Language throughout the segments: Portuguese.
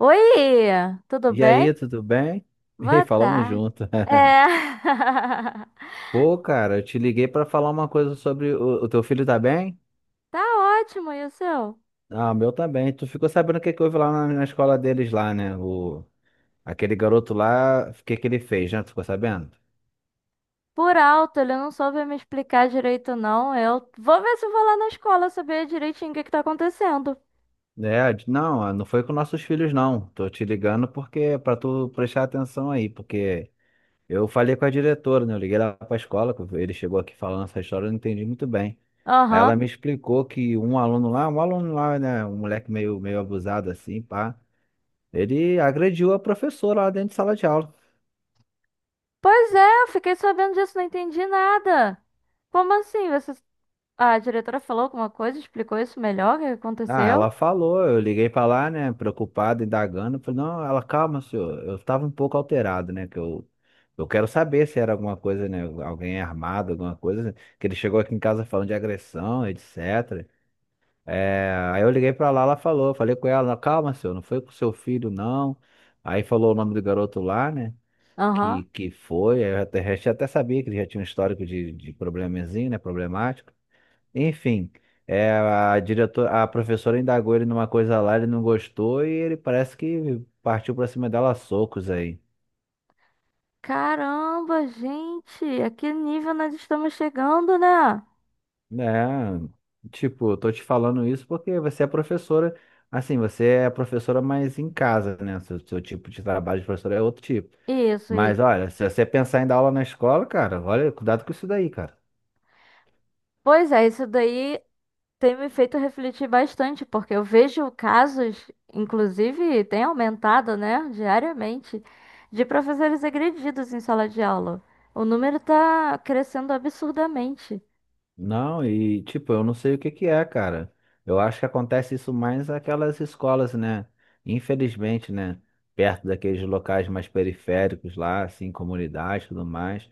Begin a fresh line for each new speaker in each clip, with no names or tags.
Oi, tudo
E
bem?
aí, tudo bem? E aí,
Boa
falamos
tarde.
junto.
É.
Pô, cara, eu te liguei pra falar uma coisa sobre o teu filho, tá bem?
Tá ótimo, e o seu?
Ah, o meu tá bem. Tu ficou sabendo o que que houve lá na escola deles lá, né? O, aquele garoto lá, o que que ele fez, né? Tu ficou sabendo?
Por alto, ele não soube me explicar direito, não. Eu vou ver se eu vou lá na escola saber direitinho o que que tá acontecendo.
É, não, ah, não foi com nossos filhos, não. Tô te ligando porque pra tu prestar atenção aí, porque eu falei com a diretora, né? Eu liguei lá para a escola, que ele chegou aqui falando essa história, eu não entendi muito bem. Aí ela
Aham.
me explicou que um aluno lá, né? Um moleque meio abusado assim, pá. Ele agrediu a professora lá dentro de sala de aula.
Pois é, eu fiquei sabendo disso, não entendi nada. Como assim? Você... A diretora falou alguma coisa, explicou isso melhor, o que que
Ah,
aconteceu?
ela falou, eu liguei pra lá, né? Preocupado, indagando. Falei, não, ela, calma, senhor. Eu tava um pouco alterado, né? Eu quero saber se era alguma coisa, né? Alguém armado, alguma coisa. Que ele chegou aqui em casa falando de agressão, etc. É, aí eu liguei pra lá, ela falou, falei com ela, calma, senhor, não foi com seu filho, não. Aí falou o nome do garoto lá, né?
Aham.
Que foi, aí eu até, já até sabia que ele já tinha um histórico de probleminzinho, né? Problemático. Enfim, a diretora, a professora indagou ele numa coisa lá, ele não gostou e ele parece que partiu pra cima dela a socos aí.
Caramba, gente, a que nível nós estamos chegando, né?
É, tipo, eu tô te falando isso porque você é professora, assim, você é professora, mas em casa, né? Seu tipo de trabalho de professora é outro tipo.
Isso,
Mas
isso.
olha, se você pensar em dar aula na escola, cara, olha, cuidado com isso daí, cara.
Pois é, isso daí tem me feito refletir bastante, porque eu vejo casos, inclusive tem aumentado, né, diariamente, de professores agredidos em sala de aula. O número está crescendo absurdamente.
Não, e tipo, eu não sei o que que é, cara. Eu acho que acontece isso mais naquelas escolas, né? Infelizmente, né? Perto daqueles locais mais periféricos lá, assim, comunidades e tudo mais.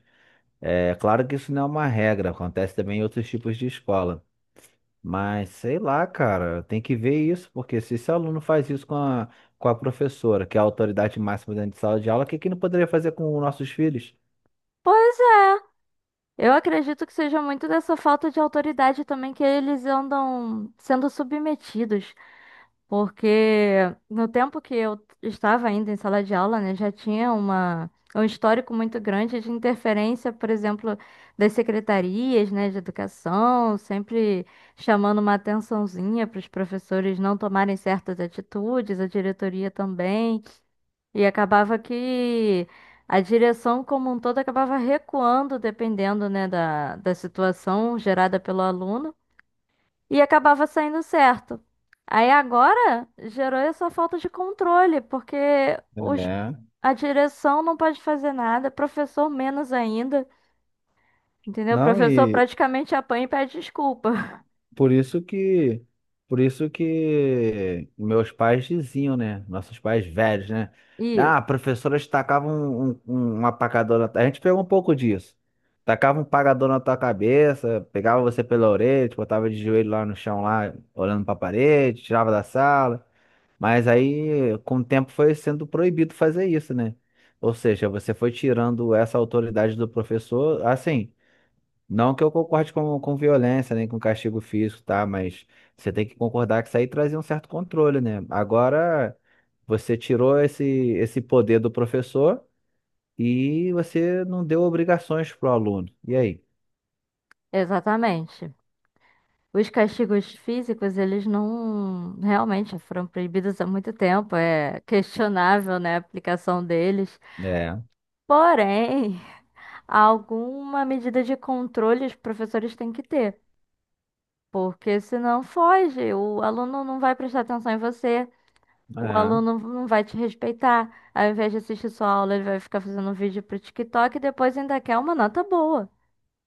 É claro que isso não é uma regra, acontece também em outros tipos de escola. Mas sei lá, cara, tem que ver isso, porque se esse aluno faz isso com a professora, que é a autoridade máxima dentro de sala de aula, o que que não poderia fazer com os nossos filhos?
Pois é, eu acredito que seja muito dessa falta de autoridade também que eles andam sendo submetidos, porque no tempo que eu estava ainda em sala de aula, né, já tinha um histórico muito grande de interferência, por exemplo, das secretarias, né, de educação, sempre chamando uma atençãozinha para os professores não tomarem certas atitudes, a diretoria também. E acabava que a direção como um todo acabava recuando, dependendo, né, da situação gerada pelo aluno e acabava saindo certo. Aí agora gerou essa falta de controle, porque os,
É.
a direção não pode fazer nada, professor menos ainda, entendeu? O
Não,
professor
e
praticamente apanha e pede desculpa.
por isso que por isso que meus pais diziam, né? Nossos pais velhos, né?
Isso,
Ah, a professora tacava uma pacadona na tua-" A gente pegou um pouco disso. Tacava um pagador na tua cabeça, pegava você pela orelha, te botava de joelho lá no chão, lá, olhando pra parede, tirava da sala. Mas aí, com o tempo, foi sendo proibido fazer isso, né? Ou seja, você foi tirando essa autoridade do professor, assim. Não que eu concorde com violência, nem com castigo físico, tá? Mas você tem que concordar que isso aí trazia um certo controle, né? Agora, você tirou esse poder do professor e você não deu obrigações pro aluno. E aí?
exatamente. Os castigos físicos, eles não realmente foram proibidos há muito tempo, é questionável, né, a aplicação deles.
É,
Porém, alguma medida de controle os professores têm que ter. Porque senão foge, o aluno não vai prestar atenção em você, o
é.
aluno não vai te respeitar. Ao invés de assistir sua aula, ele vai ficar fazendo um vídeo pro TikTok e depois ainda quer uma nota boa.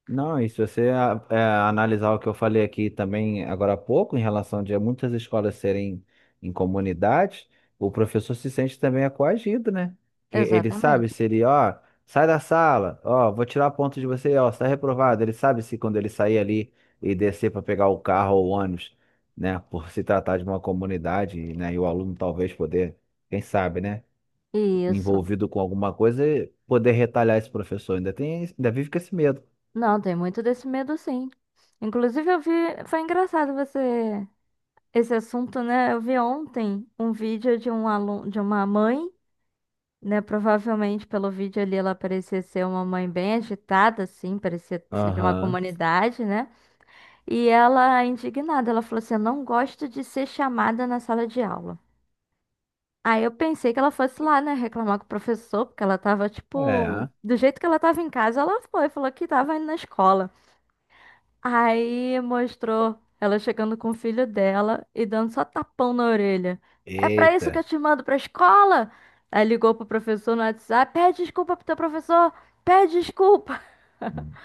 Não, e se você é, analisar o que eu falei aqui também agora há pouco, em relação de muitas escolas serem em comunidades, o professor se sente também é coagido, né? Que ele sabe
Exatamente.
se ele, ó, sai da sala, ó, vou tirar ponto de você, ó, está reprovado. Ele sabe se quando ele sair ali e descer para pegar o carro ou o ônibus, né, por se tratar de uma comunidade, né, e o aluno talvez poder, quem sabe, né,
Isso.
envolvido com alguma coisa, poder retalhar esse professor. Ainda tem, ainda vive com esse medo.
Não, tem muito desse medo, sim. Inclusive, eu vi. Foi engraçado você. Esse assunto, né? Eu vi ontem um vídeo de um aluno, de uma mãe, né? Provavelmente pelo vídeo ali ela parecia ser uma mãe bem agitada, assim, parecia ser de uma
Aham.
comunidade, né? E ela, indignada, ela falou assim: "Eu não gosto de ser chamada na sala de aula." Aí eu pensei que ela fosse lá, né, reclamar com o professor, porque ela tava, tipo,
É,
do jeito que ela tava em casa, ela foi, falou que tava indo na escola. Aí mostrou ela chegando com o filho dela e dando só tapão na orelha. "É pra isso que eu
eita.
te mando pra escola?" Aí ligou pro professor no WhatsApp: "Pede desculpa pro teu professor, pede desculpa."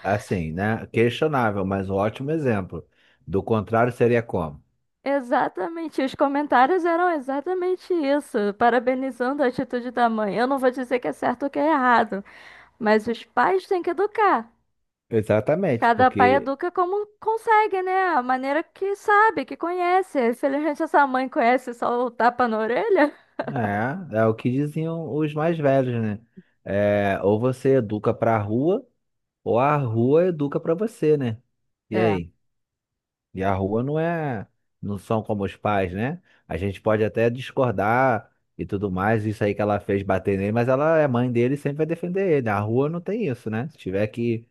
Assim, né? Questionável, mas um ótimo exemplo. Do contrário, seria como?
Exatamente, os comentários eram exatamente isso, parabenizando a atitude da mãe. Eu não vou dizer que é certo ou que é errado, mas os pais têm que educar.
Exatamente,
Cada pai
porque
educa como consegue, né? A maneira que sabe, que conhece. Infelizmente, essa mãe conhece só o tapa na orelha.
é, é o que diziam os mais velhos, né? É, ou você educa pra rua, ou a rua educa pra você, né? E
É.
aí? E a rua não é, não são como os pais, né? A gente pode até discordar e tudo mais, isso aí que ela fez bater nele, mas ela é mãe dele e sempre vai defender ele. A rua não tem isso, né? Se tiver que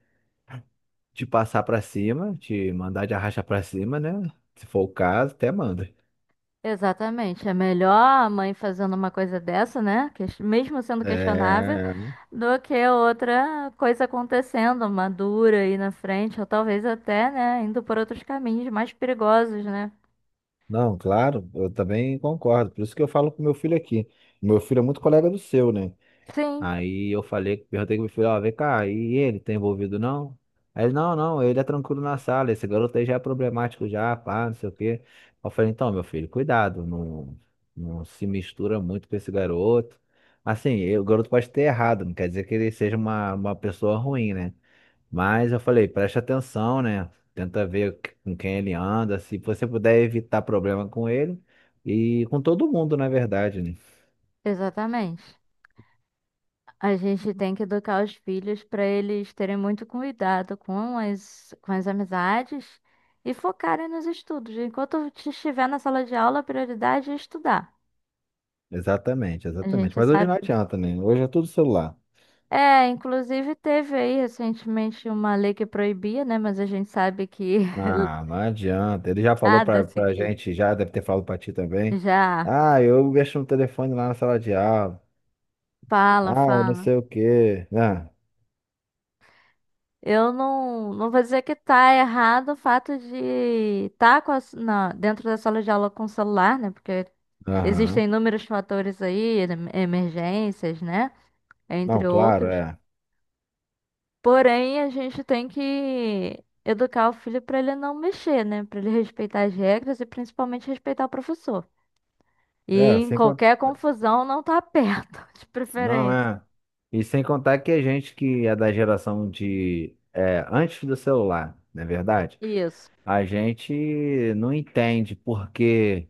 te passar pra cima, te mandar de arracha pra cima, né? Se for o caso, até manda.
Exatamente. É melhor a mãe fazendo uma coisa dessa, né? Mesmo sendo questionável,
É,
do que outra coisa acontecendo, uma dura aí na frente, ou talvez até, né, indo por outros caminhos mais perigosos, né?
não, claro, eu também concordo. Por isso que eu falo com meu filho aqui. Meu filho é muito colega do seu, né?
Sim,
Aí eu falei, perguntei com meu filho, ó, vem cá, e ele tá envolvido não? Aí ele, não, não, ele é tranquilo na sala, esse garoto aí já é problemático já, pá, não sei o quê. Eu falei, então, meu filho, cuidado, não, não se mistura muito com esse garoto. Assim, o garoto pode ter errado, não quer dizer que ele seja uma pessoa ruim, né? Mas eu falei, preste atenção, né? Tenta ver com quem ele anda, se você puder evitar problema com ele e com todo mundo, na verdade, né?
exatamente. A gente tem que educar os filhos para eles terem muito cuidado com as amizades e focarem nos estudos. Enquanto estiver na sala de aula, a prioridade é estudar.
Exatamente,
A
exatamente.
gente
Mas hoje
sabe.
não adianta, né? Hoje é tudo celular.
É, inclusive teve aí recentemente uma lei que proibia, né? Mas a gente sabe que
Ah, não adianta. Ele já falou
nada é
pra
seguido.
gente, já deve ter falado pra ti também.
Já
Ah, eu mexo no telefone lá na sala de aula.
fala,
Ah, eu não
fala.
sei o quê. Ah,
Eu não vou dizer que tá errado o fato de estar dentro da sala de aula com o celular, né? Porque
aham.
existem inúmeros fatores aí, emergências, né?
Não,
Entre
claro,
outros.
é.
Porém, a gente tem que educar o filho para ele não mexer, né? Para ele respeitar as regras e principalmente respeitar o professor.
É,
E em
assim.
qualquer confusão não tá perto, de
Não
preferência.
é. E sem contar que a gente que é da geração de é, antes do celular, não é verdade?
Isso.
A gente não entende por que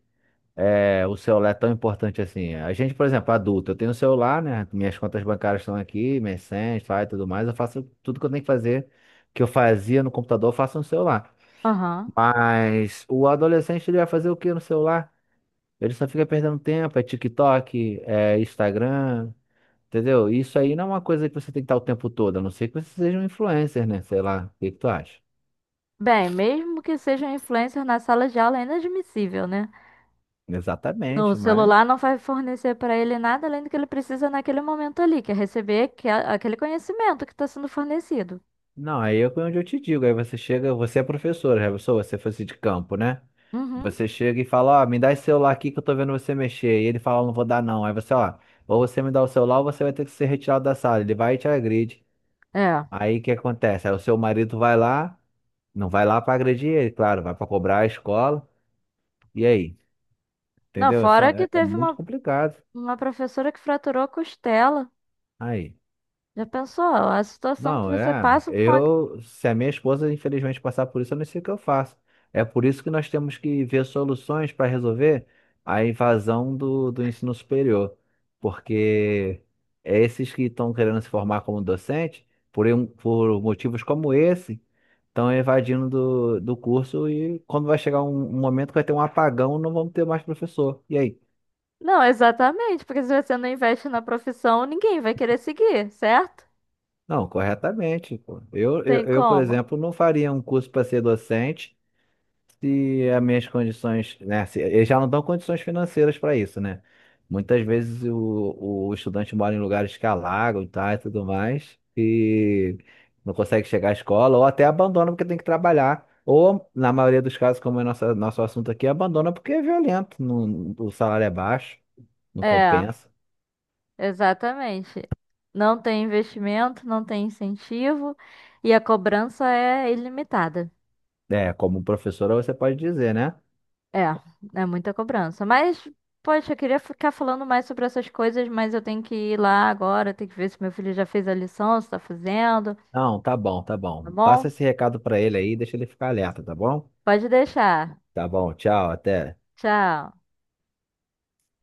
é, o celular é tão importante assim. A gente, por exemplo, adulto, eu tenho um celular, né? Minhas contas bancárias estão aqui, minhas senhas, faz tudo mais. Eu faço tudo que eu tenho que fazer, que eu fazia no computador, eu faço no celular.
Aham.
Mas o adolescente ele vai fazer o que no celular? Ele só fica perdendo tempo, é TikTok, é Instagram. Entendeu? Isso aí não é uma coisa que você tem que estar o tempo todo, a não ser que você seja um influencer, né? Sei lá, o que que tu acha?
Bem, mesmo que seja um influencer na sala de aula, é inadmissível, né? No
Exatamente, mas.
celular não vai fornecer para ele nada além do que ele precisa naquele momento ali, que é receber aquele conhecimento que está sendo fornecido.
Não, aí é onde eu te digo. Aí você chega, você é professora, já pensou? Você fosse de campo, né?
Uhum.
Você chega e fala, ó, me dá esse celular aqui que eu tô vendo você mexer. E ele fala, não vou dar não. Aí você, ó, ou você me dá o celular ou você vai ter que ser retirado da sala. Ele vai e te agride.
É.
Aí o que acontece? Aí o seu marido vai lá, não vai lá pra agredir ele, claro, vai pra cobrar a escola. E aí?
Não,
Entendeu? É,
fora que
é
teve
muito
uma,
complicado.
uma professora que fraturou a costela.
Aí.
Já pensou? A situação que
Não,
você
é.
passa com a...
Eu, se a minha esposa infelizmente passar por isso, eu não sei o que eu faço. É por isso que nós temos que ver soluções para resolver a invasão do ensino superior. Porque é esses que estão querendo se formar como docente, por motivos como esse, estão evadindo do curso e quando vai chegar um momento que vai ter um apagão, não vamos ter mais professor. E aí?
Não, exatamente, porque se você não investe na profissão, ninguém vai querer seguir, certo?
Não, corretamente. Pô.
Tem
Eu, por
como?
exemplo, não faria um curso para ser docente. Se as minhas condições, né? Eles já não dão condições financeiras para isso, né? Muitas vezes o estudante mora em lugares que alagam, tá, e tudo mais, e não consegue chegar à escola, ou até abandona porque tem que trabalhar. Ou, na maioria dos casos, como é nosso assunto aqui, abandona porque é violento, o salário é baixo, não
É,
compensa.
exatamente. Não tem investimento, não tem incentivo e a cobrança é ilimitada.
É, como professora você pode dizer, né?
É, é muita cobrança. Mas, poxa, eu queria ficar falando mais sobre essas coisas, mas eu tenho que ir lá agora, tenho que ver se meu filho já fez a lição, se tá fazendo,
Não, tá bom, tá
tá
bom.
bom?
Passa esse recado para ele aí, deixa ele ficar alerta, tá bom?
Pode deixar.
Tá bom, tchau, até.
Tchau.